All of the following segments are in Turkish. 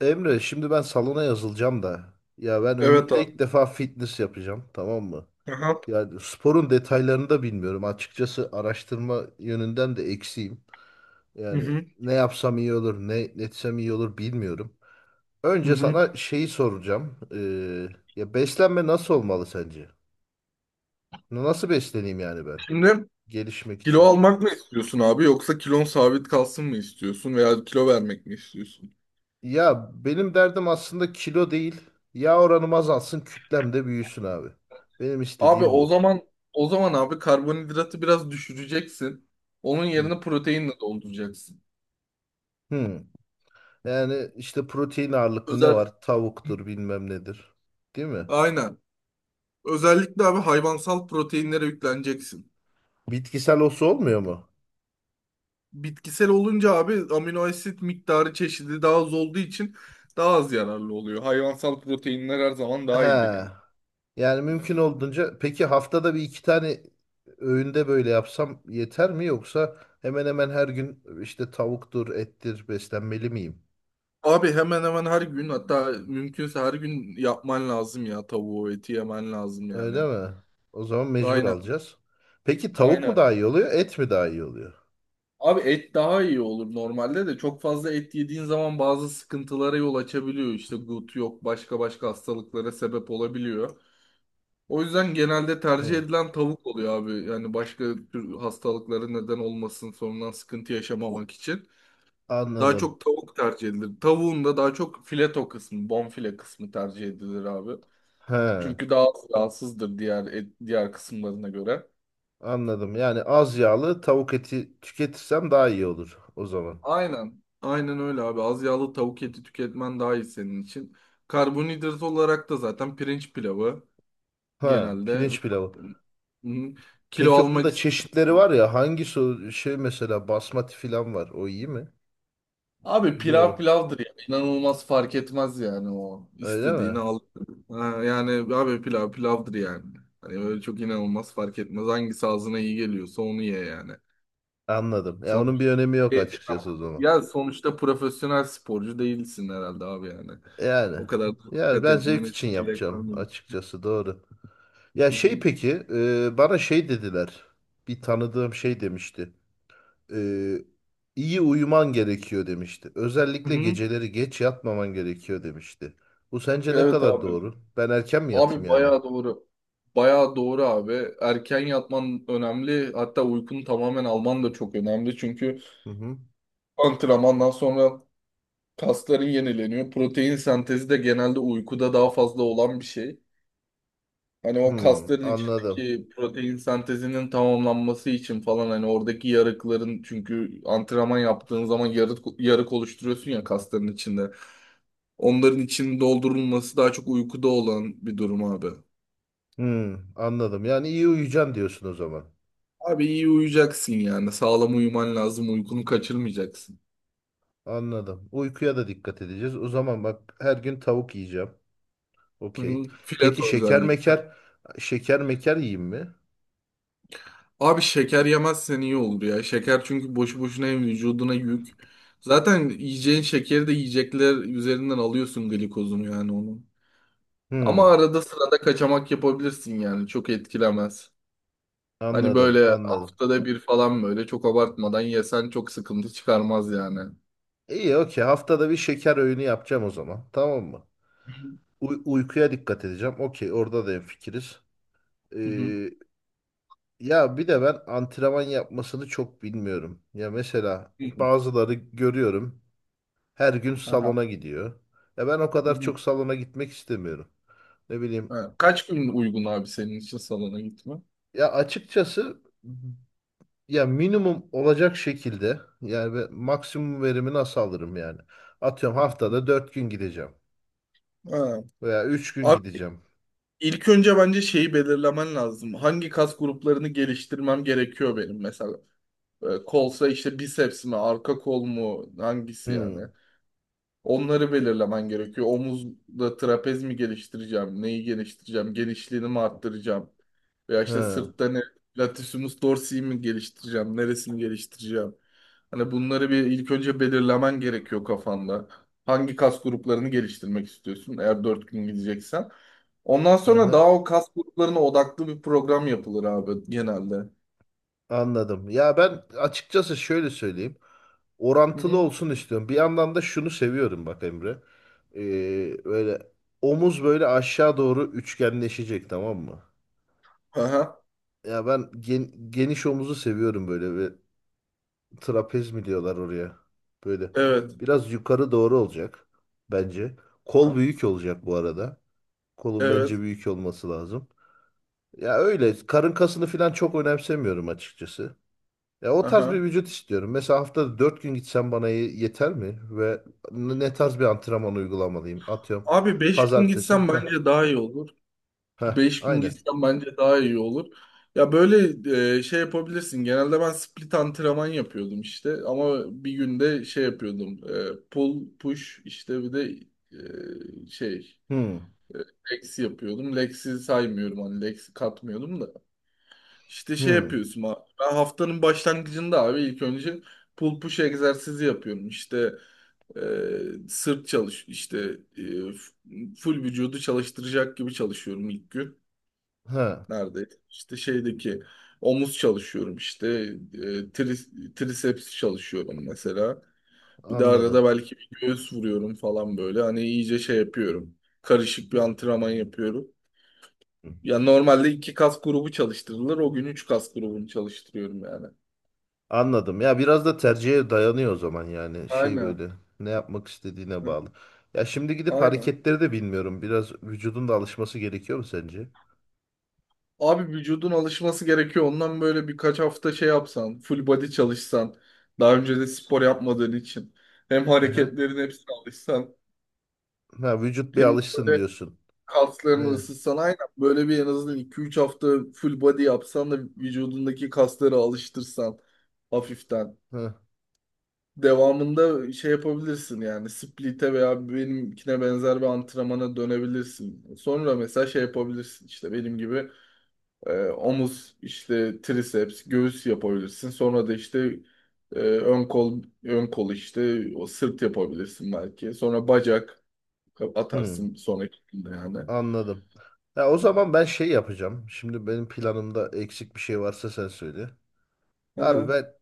Emre, şimdi ben salona yazılacağım da, ya ben Evet ömrümde abi. ilk defa fitness yapacağım, tamam mı? Aha. Yani sporun detaylarını da bilmiyorum. Açıkçası araştırma yönünden de eksiğim. Hı Yani hı. ne yapsam iyi olur, ne etsem iyi olur bilmiyorum. Hı Önce hı. sana şeyi soracağım. Ya beslenme nasıl olmalı sence? Nasıl besleneyim yani ben Şimdi gelişmek kilo için? almak mı istiyorsun abi yoksa kilon sabit kalsın mı istiyorsun veya kilo vermek mi istiyorsun? Ya benim derdim aslında kilo değil. Yağ oranım azalsın, kütlem de büyüsün abi. Benim Abi istediğim o bu. zaman o zaman abi karbonhidratı biraz düşüreceksin. Onun Hı. yerine proteinle dolduracaksın. Hmm. Yani işte protein ağırlıklı ne Özel var? Tavuktur, bilmem nedir. Değil mi? aynen. Özellikle abi hayvansal proteinlere yükleneceksin. Bitkisel olsa olmuyor mu? Bitkisel olunca abi amino asit miktarı çeşidi daha az olduğu için daha az yararlı oluyor. Hayvansal proteinler her zaman daha iyidir He. yani. Yani mümkün olduğunca, peki haftada bir iki tane öğünde böyle yapsam yeter mi, yoksa hemen hemen her gün işte tavuktur, ettir beslenmeli miyim? Abi hemen hemen her gün, hatta mümkünse her gün yapman lazım ya, tavuğu eti yemen lazım Öyle yani. mi? O zaman mecbur Aynen, alacağız. Peki tavuk mu aynen. daha iyi oluyor, et mi daha iyi oluyor? Abi et daha iyi olur, normalde de çok fazla et yediğin zaman bazı sıkıntılara yol açabiliyor. İşte gut yok, başka başka hastalıklara sebep olabiliyor. O yüzden genelde tercih Hı, edilen tavuk oluyor abi. Yani başka tür hastalıklara neden olmasın, sonradan sıkıntı yaşamamak için. Daha anladım. çok tavuk tercih edilir. Tavuğun da daha çok fileto kısmı, bonfile kısmı tercih edilir abi. He, Çünkü daha az yağsızdır diğer diğer kısımlarına göre. anladım. Yani az yağlı tavuk eti tüketirsem daha iyi olur o zaman. Aynen. Aynen öyle abi. Az yağlı tavuk eti tüketmen daha iyi senin için. Karbonhidrat olarak da zaten pirinç pilavı Ha, genelde. pirinç pilavı. Hı. Kilo Peki onun almak da istiyorsan çeşitleri var ya, hangisi, o şey mesela basmati falan var. O iyi mi? abi, pilav Biliyorum. pilavdır ya. İnanılmaz fark etmez yani o. Öyle İstediğini mi? al. Ha, yani abi pilav pilavdır yani. Hani öyle çok inanılmaz fark etmez. Hangisi ağzına iyi geliyorsa onu ye yani. Anladım. Ya onun bir önemi yok E, açıkçası o zaman. ya sonuçta profesyonel sporcu değilsin herhalde abi yani. Yani. O kadar da Ya dikkat ben zevk etmene için çok gerek var yapacağım mı? açıkçası, doğru. Ya Hı şey, hı. peki, bana şey dediler. Bir tanıdığım şey demişti. E, iyi uyuman gerekiyor demişti. Hı Özellikle hı. geceleri geç yatmaman gerekiyor demişti. Bu sence ne Evet kadar abi. doğru? Ben erken mi Abi yatayım yani? bayağı doğru. Bayağı doğru abi. Erken yatman önemli. Hatta uykunu tamamen alman da çok önemli. Çünkü Hı hı. antrenmandan sonra kasların yenileniyor. Protein sentezi de genelde uykuda daha fazla olan bir şey. Hani o Hmm, kasların anladım. içindeki protein sentezinin tamamlanması için falan, hani oradaki yarıkların, çünkü antrenman yaptığın zaman yarık, yarık oluşturuyorsun ya kasların içinde. Onların içinin doldurulması daha çok uykuda olan bir durum abi. Hmm, anladım. Yani iyi uyuyacaksın diyorsun o zaman. Abi iyi uyuyacaksın yani. Sağlam uyuman lazım. Uykunu kaçırmayacaksın. Anladım. Uykuya da dikkat edeceğiz. O zaman bak, her gün tavuk yiyeceğim. Hı hı. Okey. Peki Fileto şeker özellikle. meker şeker meker yiyeyim mi? Abi şeker yemezsen iyi olur ya. Şeker çünkü boşu boşuna, hem vücuduna yük. Zaten yiyeceğin şekeri de yiyecekler üzerinden alıyorsun, glikozunu yani onu. Ama Hmm, arada sırada kaçamak yapabilirsin yani. Çok etkilemez. Hani anladım, böyle anladım. haftada bir falan, böyle çok abartmadan yesen çok sıkıntı çıkarmaz yani. Hı İyi, okey. Haftada bir şeker öğünü yapacağım o zaman. Tamam mı? Uykuya dikkat edeceğim. Okey, orada da hemfikiriz. hı. Ee, Ya bir de ben antrenman yapmasını çok bilmiyorum. Ya mesela Hı hı. bazıları görüyorum. Her gün Aha. salona gidiyor. Ya ben o Hı kadar hı. çok salona gitmek istemiyorum. Ne bileyim. Ha, kaç gün uygun abi senin için salona gitme? Ya açıkçası, ya minimum olacak şekilde yani, ve maksimum verimi nasıl alırım yani? Atıyorum haftada 4 gün gideceğim Ha. veya 3 gün Abi gideceğim. ilk önce bence şeyi belirlemen lazım. Hangi kas gruplarını geliştirmem gerekiyor benim mesela? Kolsa işte biceps mi, arka kol mu, hangisi yani? Hmm. Onları belirlemen gerekiyor. Omuzda trapez mi geliştireceğim? Neyi geliştireceğim? Genişliğini mi arttıracağım? Veya işte Ha. sırtta ne? Latissimus dorsi'yi mi geliştireceğim? Neresini geliştireceğim? Hani bunları bir ilk önce belirlemen gerekiyor kafanda. Hangi kas gruplarını geliştirmek istiyorsun eğer 4 gün gideceksen? Ondan sonra Aha. daha o kas gruplarına odaklı bir program yapılır abi, genelde. Anladım. Ya ben açıkçası şöyle söyleyeyim. Hı Orantılı hı. olsun istiyorum. Bir yandan da şunu seviyorum bak Emre. Böyle omuz böyle aşağı doğru üçgenleşecek, tamam mı? Aha, Ya ben geniş omuzu seviyorum böyle, ve trapez mi diyorlar oraya. Böyle evet. biraz yukarı doğru olacak bence. Kol büyük olacak bu arada. Kolun bence Evet. büyük olması lazım. Ya öyle karın kasını falan çok önemsemiyorum açıkçası. Ya o tarz bir Aha. vücut istiyorum. Mesela haftada 4 gün gitsem bana yeter mi? Ve ne tarz bir antrenman uygulamalıyım? Atıyorum Abi 5 gün pazartesi. gitsem Heh, bence daha iyi olur. heh, 5 gün aynen. gitsen bence daha iyi olur. Ya böyle şey yapabilirsin. Genelde ben split antrenman yapıyordum işte. Ama bir günde şey yapıyordum. Pull, push işte, bir de şey Hmm, legs yapıyordum. Legs'i saymıyorum, hani legs'i katmıyorum da. İşte şey hmm, yapıyorsun abi. Ben haftanın başlangıcında abi ilk önce pull push egzersizi yapıyorum. İşte sırt çalış, işte full vücudu çalıştıracak gibi çalışıyorum ilk gün. heh, Nerede? İşte şeydeki omuz çalışıyorum, işte e, triceps çalışıyorum mesela. Bir de arada anladım. belki bir göğüs vuruyorum falan böyle. Hani iyice şey yapıyorum. Karışık bir antrenman yapıyorum. Ya normalde iki kas grubu çalıştırılır. O gün üç kas grubunu çalıştırıyorum yani. Anladım. Ya biraz da tercihe dayanıyor o zaman, yani şey, Aynen. böyle ne yapmak istediğine Hı, bağlı. Ya şimdi gidip aynen. hareketleri de bilmiyorum. Biraz vücudun da alışması gerekiyor mu sence? Abi vücudun alışması gerekiyor. Ondan böyle birkaç hafta şey yapsan, full body çalışsan, daha önce de spor yapmadığın için, hem Aha. hareketlerin hepsine alışsan, Ha, vücut bir hem alışsın de diyorsun. kaslarını Aynen. ısıtsan, aynen böyle bir en azından iki üç hafta full body yapsan da vücudundaki kasları alıştırsan hafiften. Ha. Devamında şey yapabilirsin yani, split'e veya benimkine benzer bir antrenmana dönebilirsin. Sonra mesela şey yapabilirsin işte, benim gibi omuz, işte triceps, göğüs yapabilirsin. Sonra da işte ön kol, işte o sırt yapabilirsin belki. Sonra bacak Hmm, atarsın sonraki günde yani. anladım. Ya o zaman ben şey yapacağım. Şimdi benim planımda eksik bir şey varsa sen söyle. Abi Aha, ben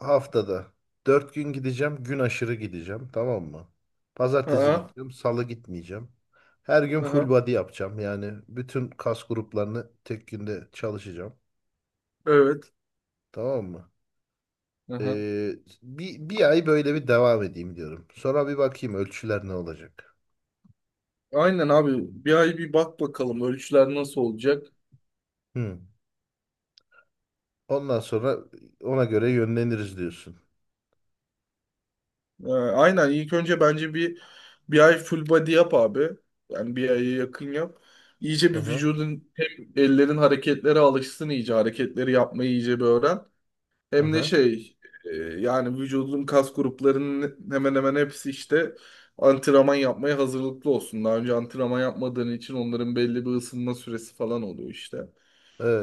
haftada 4 gün gideceğim. Gün aşırı gideceğim. Tamam mı? Pazartesi aha. gideceğim. Salı gitmeyeceğim. Her gün full Aha, body yapacağım. Yani bütün kas gruplarını tek günde çalışacağım. evet. Tamam mı? Aha. Ee, bir ay böyle bir devam edeyim diyorum. Sonra bir bakayım ölçüler ne olacak. Aynen abi, bir ay bir bak bakalım ölçüler nasıl olacak. Hı. Ondan sonra ona göre yönleniriz diyorsun. Aynen, ilk önce bence bir ay full body yap abi. Yani bir aya yakın yap. İyice Hı bir hı. vücudun, hem ellerin hareketlere alışsın, iyice hareketleri yapmayı iyice bir öğren. Hı Hem de hı. şey, yani vücudun kas gruplarının hemen hemen hepsi işte antrenman yapmaya hazırlıklı olsun. Daha önce antrenman yapmadığın için onların belli bir ısınma süresi falan oluyor işte.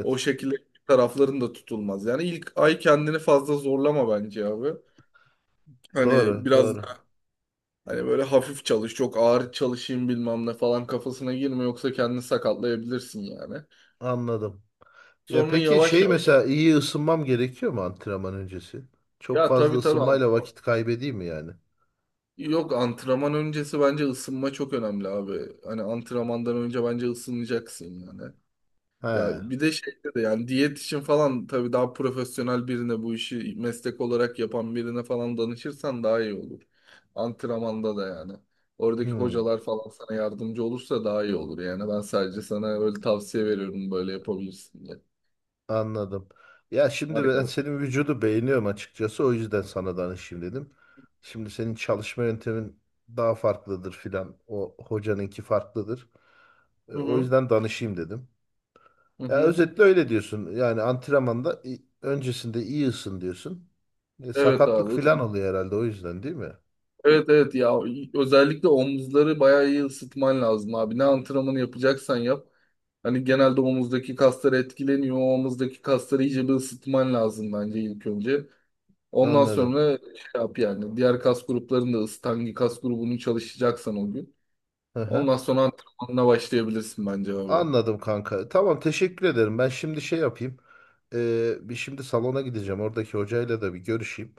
O şekilde tarafların da tutulmaz. Yani ilk ay kendini fazla zorlama bence abi. Hani Doğru. biraz Doğru. da, hani böyle hafif çalış, çok ağır çalışayım bilmem ne falan kafasına girme, yoksa kendini sakatlayabilirsin yani. Anladım. Ya Sonra peki yavaş şey, yavaş. mesela iyi ısınmam gerekiyor mu antrenman öncesi? Çok Ya fazla tabii, tabii ısınmayla antrenman. vakit kaybedeyim mi yani? Yok, antrenman öncesi bence ısınma çok önemli abi. Hani antrenmandan önce bence ısınacaksın yani. He. Ya bir de şeyde de yani diyet için falan tabii daha profesyonel birine, bu işi meslek olarak yapan birine falan danışırsan daha iyi olur. Antrenmanda da yani. Oradaki Hmm, hocalar falan sana yardımcı olursa daha iyi olur yani. Ben sadece sana öyle tavsiye veriyorum, böyle yapabilirsin diye. anladım. Ya şimdi Harika. ben senin vücudu beğeniyorum açıkçası. O yüzden sana danışayım dedim. Şimdi senin çalışma yöntemin daha farklıdır filan. O hocanınki farklıdır. Hı O hı. yüzden danışayım dedim. Hı Ya hı. özetle öyle diyorsun. Yani antrenmanda, öncesinde iyi ısın diyorsun. Evet Sakatlık abi. filan oluyor herhalde, o yüzden değil mi? Evet, evet, ya özellikle omuzları bayağı iyi ısıtman lazım abi. Ne antrenmanı yapacaksan yap. Hani genelde omuzdaki kaslar etkileniyor. O omuzdaki kasları iyice bir ısıtman lazım bence ilk önce. Ondan Anladım. sonra şey yap yani. Diğer kas gruplarını da ısıt. Hangi kas grubunu çalışacaksan o gün. Hı hı. Ondan sonra antrenmanına başlayabilirsin bence abi. Anladım kanka. Tamam, teşekkür ederim. Ben şimdi şey yapayım. Bir şimdi salona gideceğim. Oradaki hocayla da bir görüşeyim.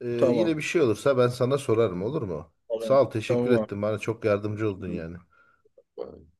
Ee, Yine bir Tamam. şey olursa ben sana sorarım, olur mu? Tamam. Sağ ol, teşekkür Tamam ettim. Bana çok yardımcı oldun yani. abi.